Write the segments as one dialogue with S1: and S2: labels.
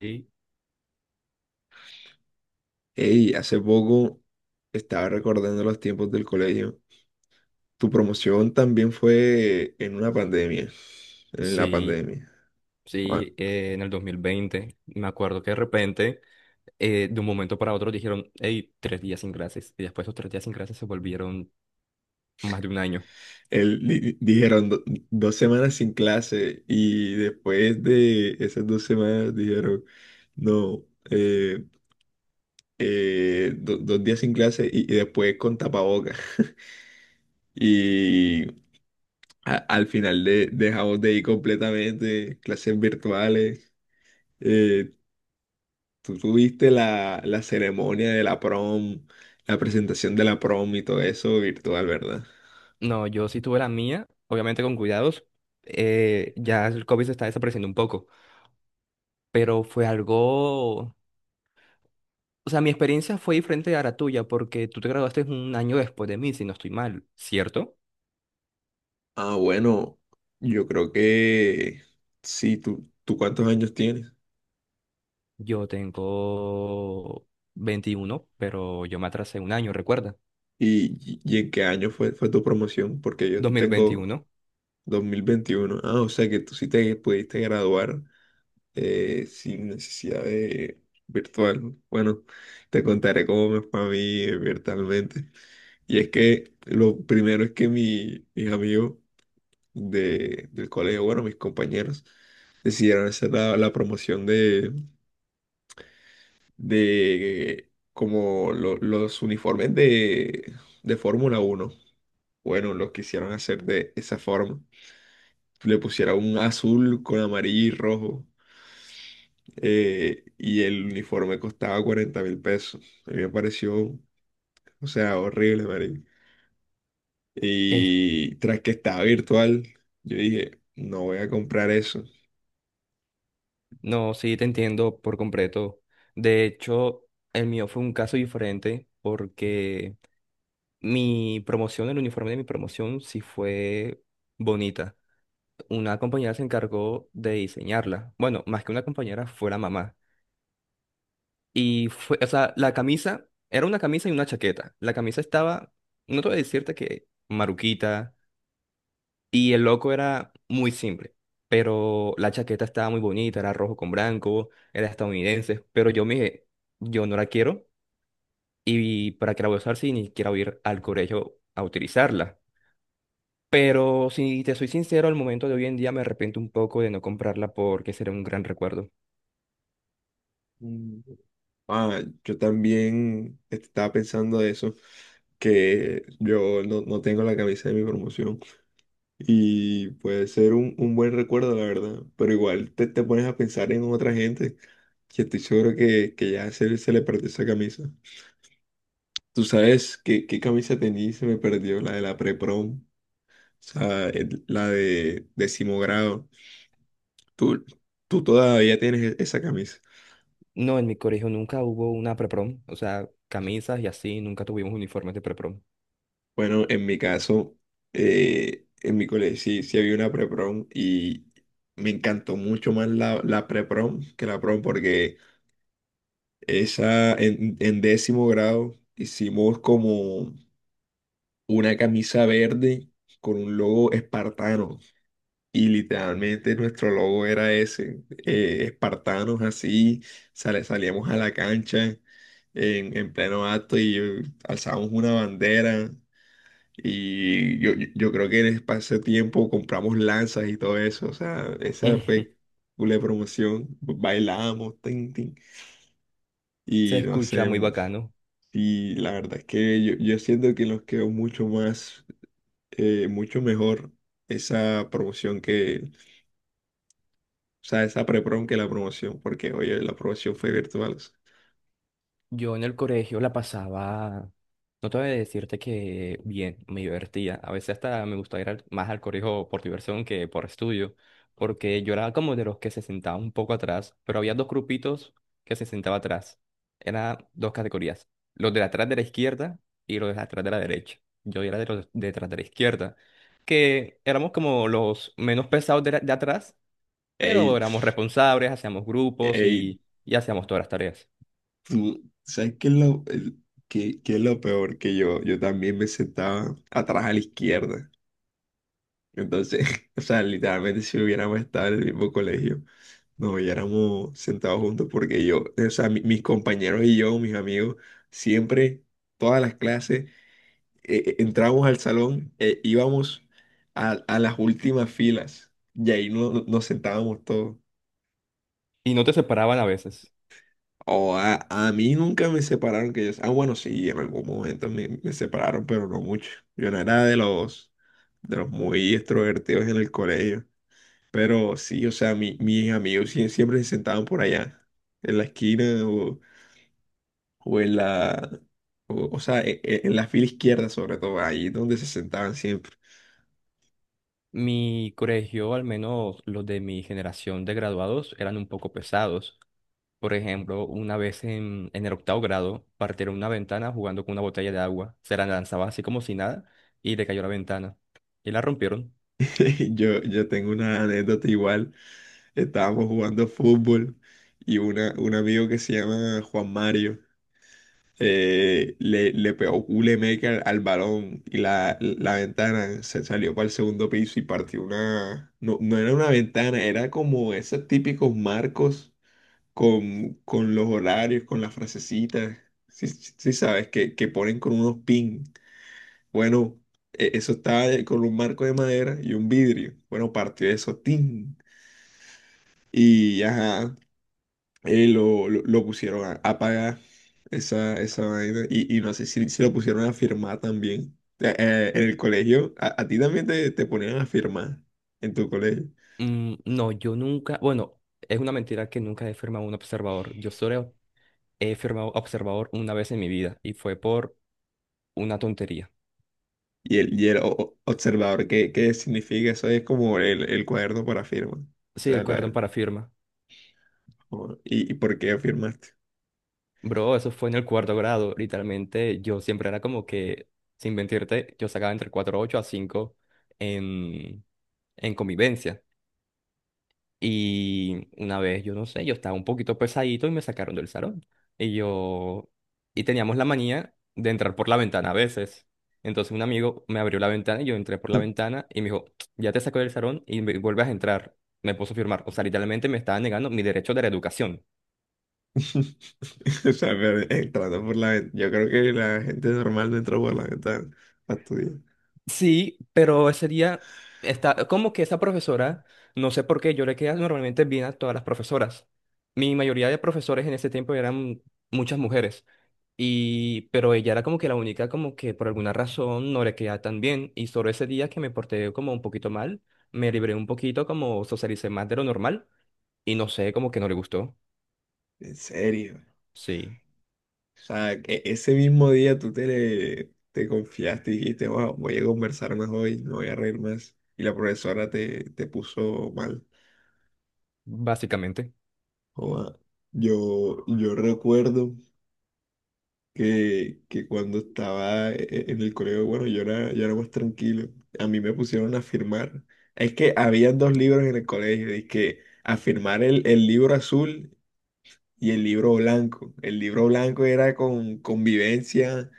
S1: Sí,
S2: Ey, hace poco estaba recordando los tiempos del colegio. Tu promoción también fue en una pandemia, en la
S1: sí,
S2: pandemia. Bueno,
S1: sí, en el 2020, me acuerdo que de repente, de un momento para otro dijeron, hey, 3 días sin clases, y después esos 3 días sin clases se volvieron más de un año.
S2: dijeron 2 semanas sin clase y después de esas 2 semanas dijeron, no, eh, 2 días sin clase y después con tapabocas. Y al final dejamos de ir completamente, clases virtuales. eh, Tú tuviste la ceremonia de la prom, la presentación de la prom y todo eso virtual, ¿verdad?
S1: No, yo sí tuve la mía, obviamente con cuidados, ya el COVID se está desapareciendo un poco, pero fue algo, o sea, mi experiencia fue diferente a la tuya, porque tú te graduaste un año después de mí, si no estoy mal, ¿cierto?
S2: Ah, bueno, yo creo que sí. ¿Tú cuántos años tienes?
S1: Yo tengo 21, pero yo me atrasé un año, recuerda,
S2: ¿Y en qué año fue tu promoción? Porque yo
S1: dos mil
S2: tengo
S1: veintiuno.
S2: 2021. Ah, o sea que tú sí te pudiste graduar sin necesidad de virtual. Bueno, te contaré cómo me fue a mí virtualmente. Y es que lo primero es que mis amigos del colegio, bueno, mis compañeros, decidieron hacer la promoción de como los uniformes de Fórmula uno. Bueno, los quisieron hacer de esa forma. Le pusieron un azul con amarillo y rojo. Y el uniforme costaba $40.000. A mí me pareció, o sea, horrible, marica.
S1: Eh,
S2: Y tras que estaba virtual, yo dije, no voy a comprar eso.
S1: no, sí, te entiendo por completo. De hecho, el mío fue un caso diferente porque mi promoción, el uniforme de mi promoción sí fue bonita. Una compañera se encargó de diseñarla. Bueno, más que una compañera, fue la mamá. Y fue, o sea, la camisa, era una camisa y una chaqueta. La camisa estaba, no te voy a decirte que maruquita. Y el loco era muy simple, pero la chaqueta estaba muy bonita, era rojo con blanco, era estadounidense, pero yo me dije, yo no la quiero y para qué la voy a usar si ni quiero ir al colegio a utilizarla. Pero si te soy sincero, al momento de hoy en día me arrepiento un poco de no comprarla porque sería un gran recuerdo.
S2: Ah, yo también estaba pensando eso, que yo no tengo la camisa de mi promoción y puede ser un buen recuerdo, la verdad, pero igual te pones a pensar en otra gente que estoy seguro que ya se le perdió esa camisa. Tú sabes qué camisa tenía y se me perdió, la de la pre-prom, o sea, la de décimo grado. Tú, tú todavía tienes esa camisa.
S1: No, en mi colegio nunca hubo una preprom, o sea, camisas y así, nunca tuvimos uniformes de preprom.
S2: Bueno, en mi caso, en mi colegio sí había una pre-prom y me encantó mucho más la pre-prom que la prom porque esa en décimo grado hicimos como una camisa verde con un logo espartano y literalmente nuestro logo era ese, espartanos así, salíamos a la cancha en pleno acto y alzábamos una bandera y yo creo que en ese pase tiempo compramos lanzas y todo eso. O sea, esa fue una promoción. Bailábamos, tin, tin.
S1: Se
S2: Y no
S1: escucha
S2: sé,
S1: muy bacano.
S2: y la verdad es que yo siento que nos quedó mucho más, mucho mejor esa promoción que, o sea, esa pre-prom que la promoción, porque oye, la promoción fue virtual. O sea.
S1: Yo en el colegio la pasaba, no te voy a decirte que bien, me divertía. A veces hasta me gustaba ir más al colegio por diversión que por estudio, porque yo era como de los que se sentaba un poco atrás, pero había dos grupitos que se sentaba atrás. Eran dos categorías, los de atrás de la izquierda y los de atrás de la derecha. Yo era de los de atrás de la izquierda, que éramos como los menos pesados de, de atrás, pero
S2: Ey,
S1: éramos responsables, hacíamos grupos
S2: ey,
S1: y hacíamos todas las tareas.
S2: ¿sabes qué es lo peor? Que yo también me sentaba atrás a la izquierda. Entonces, o sea, literalmente si hubiéramos estado en el mismo colegio, nos hubiéramos sentado juntos porque yo, o sea, mis compañeros y yo, mis amigos, siempre, todas las clases, entrábamos al salón, íbamos a las últimas filas y ahí nos sentábamos todos.
S1: Y no te separaban a veces.
S2: O a mí nunca me separaron, que yo, ah, bueno, sí, en algún momento me separaron, pero no mucho. Yo no era de los muy extrovertidos en el colegio. Pero sí, o sea, mis amigos siempre se sentaban por allá, en la esquina o en la, o sea, e- e- en, la fila izquierda sobre todo, ahí donde se sentaban siempre.
S1: Mi colegio, al menos los de mi generación de graduados, eran un poco pesados. Por ejemplo, una vez en el octavo grado, partieron una ventana jugando con una botella de agua. Se la lanzaba así como si nada y le cayó la ventana. Y la rompieron.
S2: Yo tengo una anécdota igual, estábamos jugando fútbol y un amigo que se llama Juan Mario le pegó culemeca al balón y la ventana se salió para el segundo piso y partió una, no, no era una ventana, era como esos típicos marcos con los horarios, con las frasecitas. Sí sabes, que ponen con unos pin. Bueno, eso estaba con un marco de madera y un vidrio. Bueno, partió eso, tin. Y ajá, lo pusieron a pagar esa vaina. Y no sé si, lo pusieron a firmar también. En el colegio, a ti también te ponían a firmar en tu colegio.
S1: No, yo nunca, bueno, es una mentira que nunca he firmado un observador. Yo solo he firmado observador una vez en mi vida y fue por una tontería.
S2: Y el observador, ¿qué significa? Eso es como el cuaderno para firma. O
S1: Sí, el
S2: sea,
S1: cuaderno para firma.
S2: ¿y por qué firmaste?
S1: Bro, eso fue en el cuarto grado. Literalmente, yo siempre era como que, sin mentirte, yo sacaba entre 4.8 a 5 en, en convivencia. Y una vez, yo no sé, yo estaba un poquito pesadito y me sacaron del salón. Y yo, y teníamos la manía de entrar por la ventana a veces. Entonces un amigo me abrió la ventana y yo entré por la ventana y me dijo, ya te saco del salón y vuelves a entrar. Me puso a firmar. O sea, literalmente me estaba negando mi derecho de la educación.
S2: O sea, pero entrando por la ventana. Yo creo que la gente normal no entra por la ventana a estudiar.
S1: Sí, pero ese día está como que esa profesora, no sé por qué, yo le quedaba normalmente bien a todas las profesoras. Mi mayoría de profesores en ese tiempo eran muchas mujeres y pero ella era como que la única como que por alguna razón no le quedaba tan bien y solo ese día que me porté como un poquito mal, me libré un poquito, como socialicé más de lo normal y no sé, como que no le gustó.
S2: En serio.
S1: Sí,
S2: O sea, que ese mismo día te confiaste y dijiste, wow, voy a conversar más hoy, no voy a reír más. Y la profesora te puso mal.
S1: básicamente.
S2: Joda. Yo recuerdo que cuando estaba en el colegio, bueno, yo era más tranquilo. A mí me pusieron a firmar. Es que había dos libros en el colegio, y que a firmar el libro azul y el libro blanco. El libro blanco era con convivencia,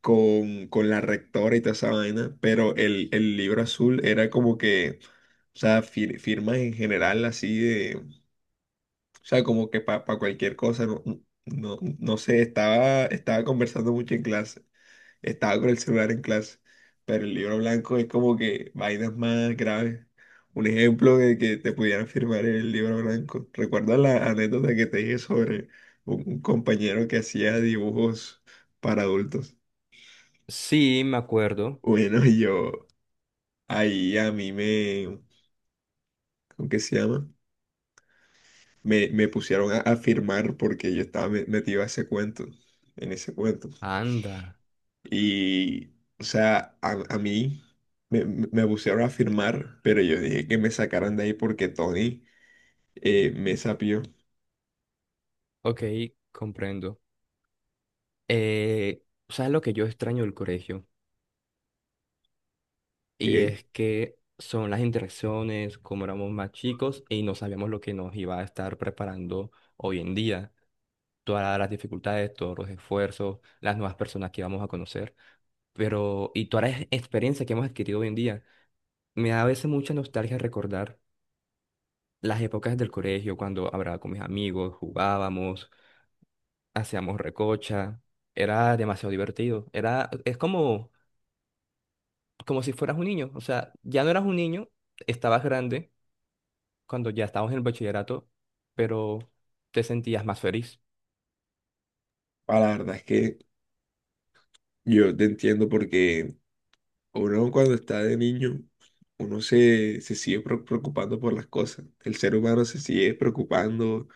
S2: con la rectora y toda esa vaina, pero el libro azul era como que, o sea, firmas en general así. O sea, como que para cualquier cosa, no, no sé, estaba conversando mucho en clase, estaba con el celular en clase, pero el libro blanco es como que vainas más graves. Un ejemplo de que te pudieran firmar el libro blanco. ¿Recuerdas la anécdota que te dije sobre un compañero que hacía dibujos para adultos?
S1: Sí, me acuerdo.
S2: Bueno, yo ahí a mí me, ¿cómo que se llama? Me pusieron a firmar porque yo estaba metido a ese cuento, en ese cuento.
S1: Anda.
S2: Y, o sea, a mí me pusieron a firmar, pero yo dije que me sacaran de ahí porque Tony me sapió.
S1: Ok, comprendo. Eh, ¿Sabes lo que yo extraño del colegio? Y
S2: Que
S1: es que son las interacciones, como éramos más chicos y no sabíamos lo que nos iba a estar preparando hoy en día. Todas las dificultades, todos los esfuerzos, las nuevas personas que íbamos a conocer. Pero, y toda la experiencia que hemos adquirido hoy en día, me da a veces mucha nostalgia recordar las épocas del colegio, cuando hablaba con mis amigos, jugábamos, hacíamos recocha. Era demasiado divertido. Era, es como como si fueras un niño. O sea, ya no eras un niño, estabas grande cuando ya estábamos en el bachillerato, pero te sentías más feliz.
S2: la verdad es que yo te entiendo porque uno cuando está de niño, uno se sigue preocupando por las cosas. El ser humano se sigue preocupando,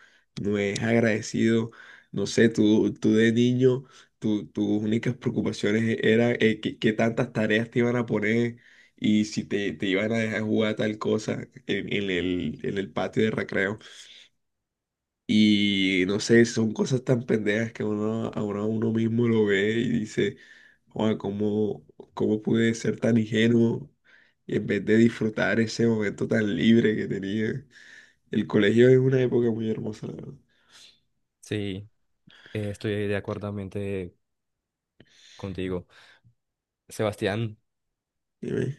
S2: no es agradecido. No sé, tú de niño, tus únicas preocupaciones eran qué tantas tareas te iban a poner y si te iban a dejar jugar tal cosa en, en el patio de recreo. Y no sé, son cosas tan pendejas que uno, ahora uno a uno mismo lo ve y dice, "Joa, ¿cómo pude ser tan ingenuo? Y en vez de disfrutar ese momento tan libre que tenía. El colegio es una época muy hermosa, la verdad.
S1: Sí, estoy de acuerdo mente contigo. Sebastián,
S2: Dime.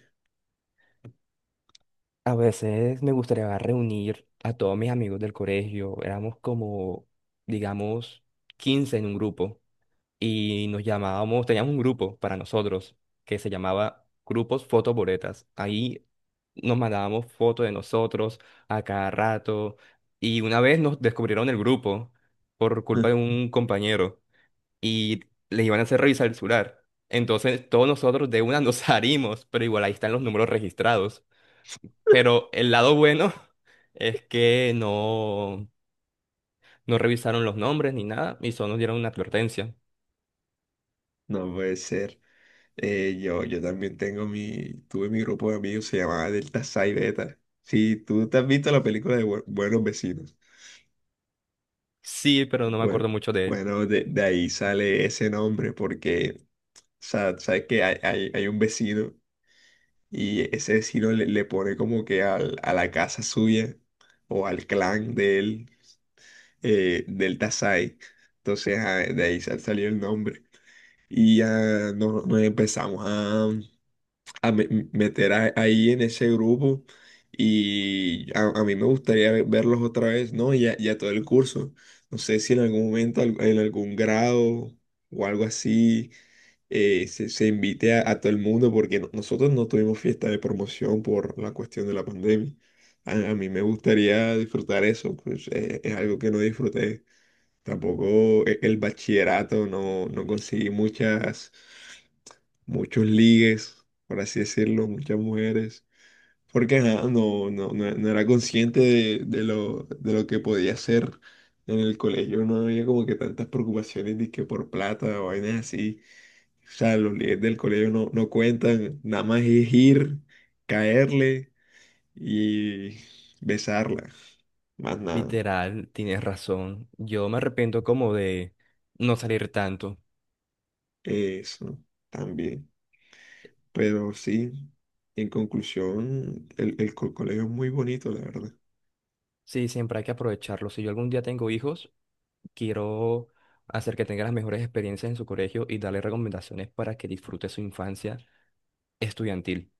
S1: a veces me gustaría reunir a todos mis amigos del colegio. Éramos como, digamos, 15 en un grupo. Y nos llamábamos, teníamos un grupo para nosotros que se llamaba Grupos Fotoboretas. Ahí nos mandábamos fotos de nosotros a cada rato y una vez nos descubrieron el grupo por culpa de un compañero y les iban a hacer revisar el celular. Entonces todos nosotros de una nos salimos, pero igual ahí están los números registrados. Pero el lado bueno es que no, no revisaron los nombres ni nada y solo nos dieron una advertencia.
S2: No puede ser. Yo también tengo tuve mi grupo de amigos, se llamaba Delta Psi Beta. Sí, tú te has visto la película de Buenos Vecinos.
S1: Sí, pero no me
S2: Bueno,
S1: acuerdo mucho de
S2: bueno, de ahí sale ese nombre porque. O sea, sabes que hay un vecino y ese vecino le pone como que a la casa suya o al clan de él, del Tasai. Entonces, ah, de ahí salió el nombre. Y ya nos, empezamos a, meter ahí en ese grupo. Y a mí me gustaría verlos otra vez, ¿no? Ya, ya todo el curso. No sé si en algún momento, en algún grado o algo así se invite a todo el mundo porque nosotros no tuvimos fiesta de promoción por la cuestión de la pandemia. A mí me gustaría disfrutar eso, pues es algo que no disfruté. Tampoco el bachillerato, no conseguí muchos ligues, por así decirlo, muchas mujeres. Porque ajá, no era consciente de lo que podía hacer en el colegio. No había como que tantas preocupaciones de que por plata o vainas así. O sea, los líderes del colegio no cuentan, nada más es ir, caerle y besarla, más nada.
S1: Literal, tienes razón. Yo me arrepiento como de no salir tanto.
S2: Eso también. Pero sí, en conclusión, el colegio es muy bonito, la verdad.
S1: Sí, siempre hay que aprovecharlo. Si yo algún día tengo hijos, quiero hacer que tengan las mejores experiencias en su colegio y darle recomendaciones para que disfrute su infancia estudiantil.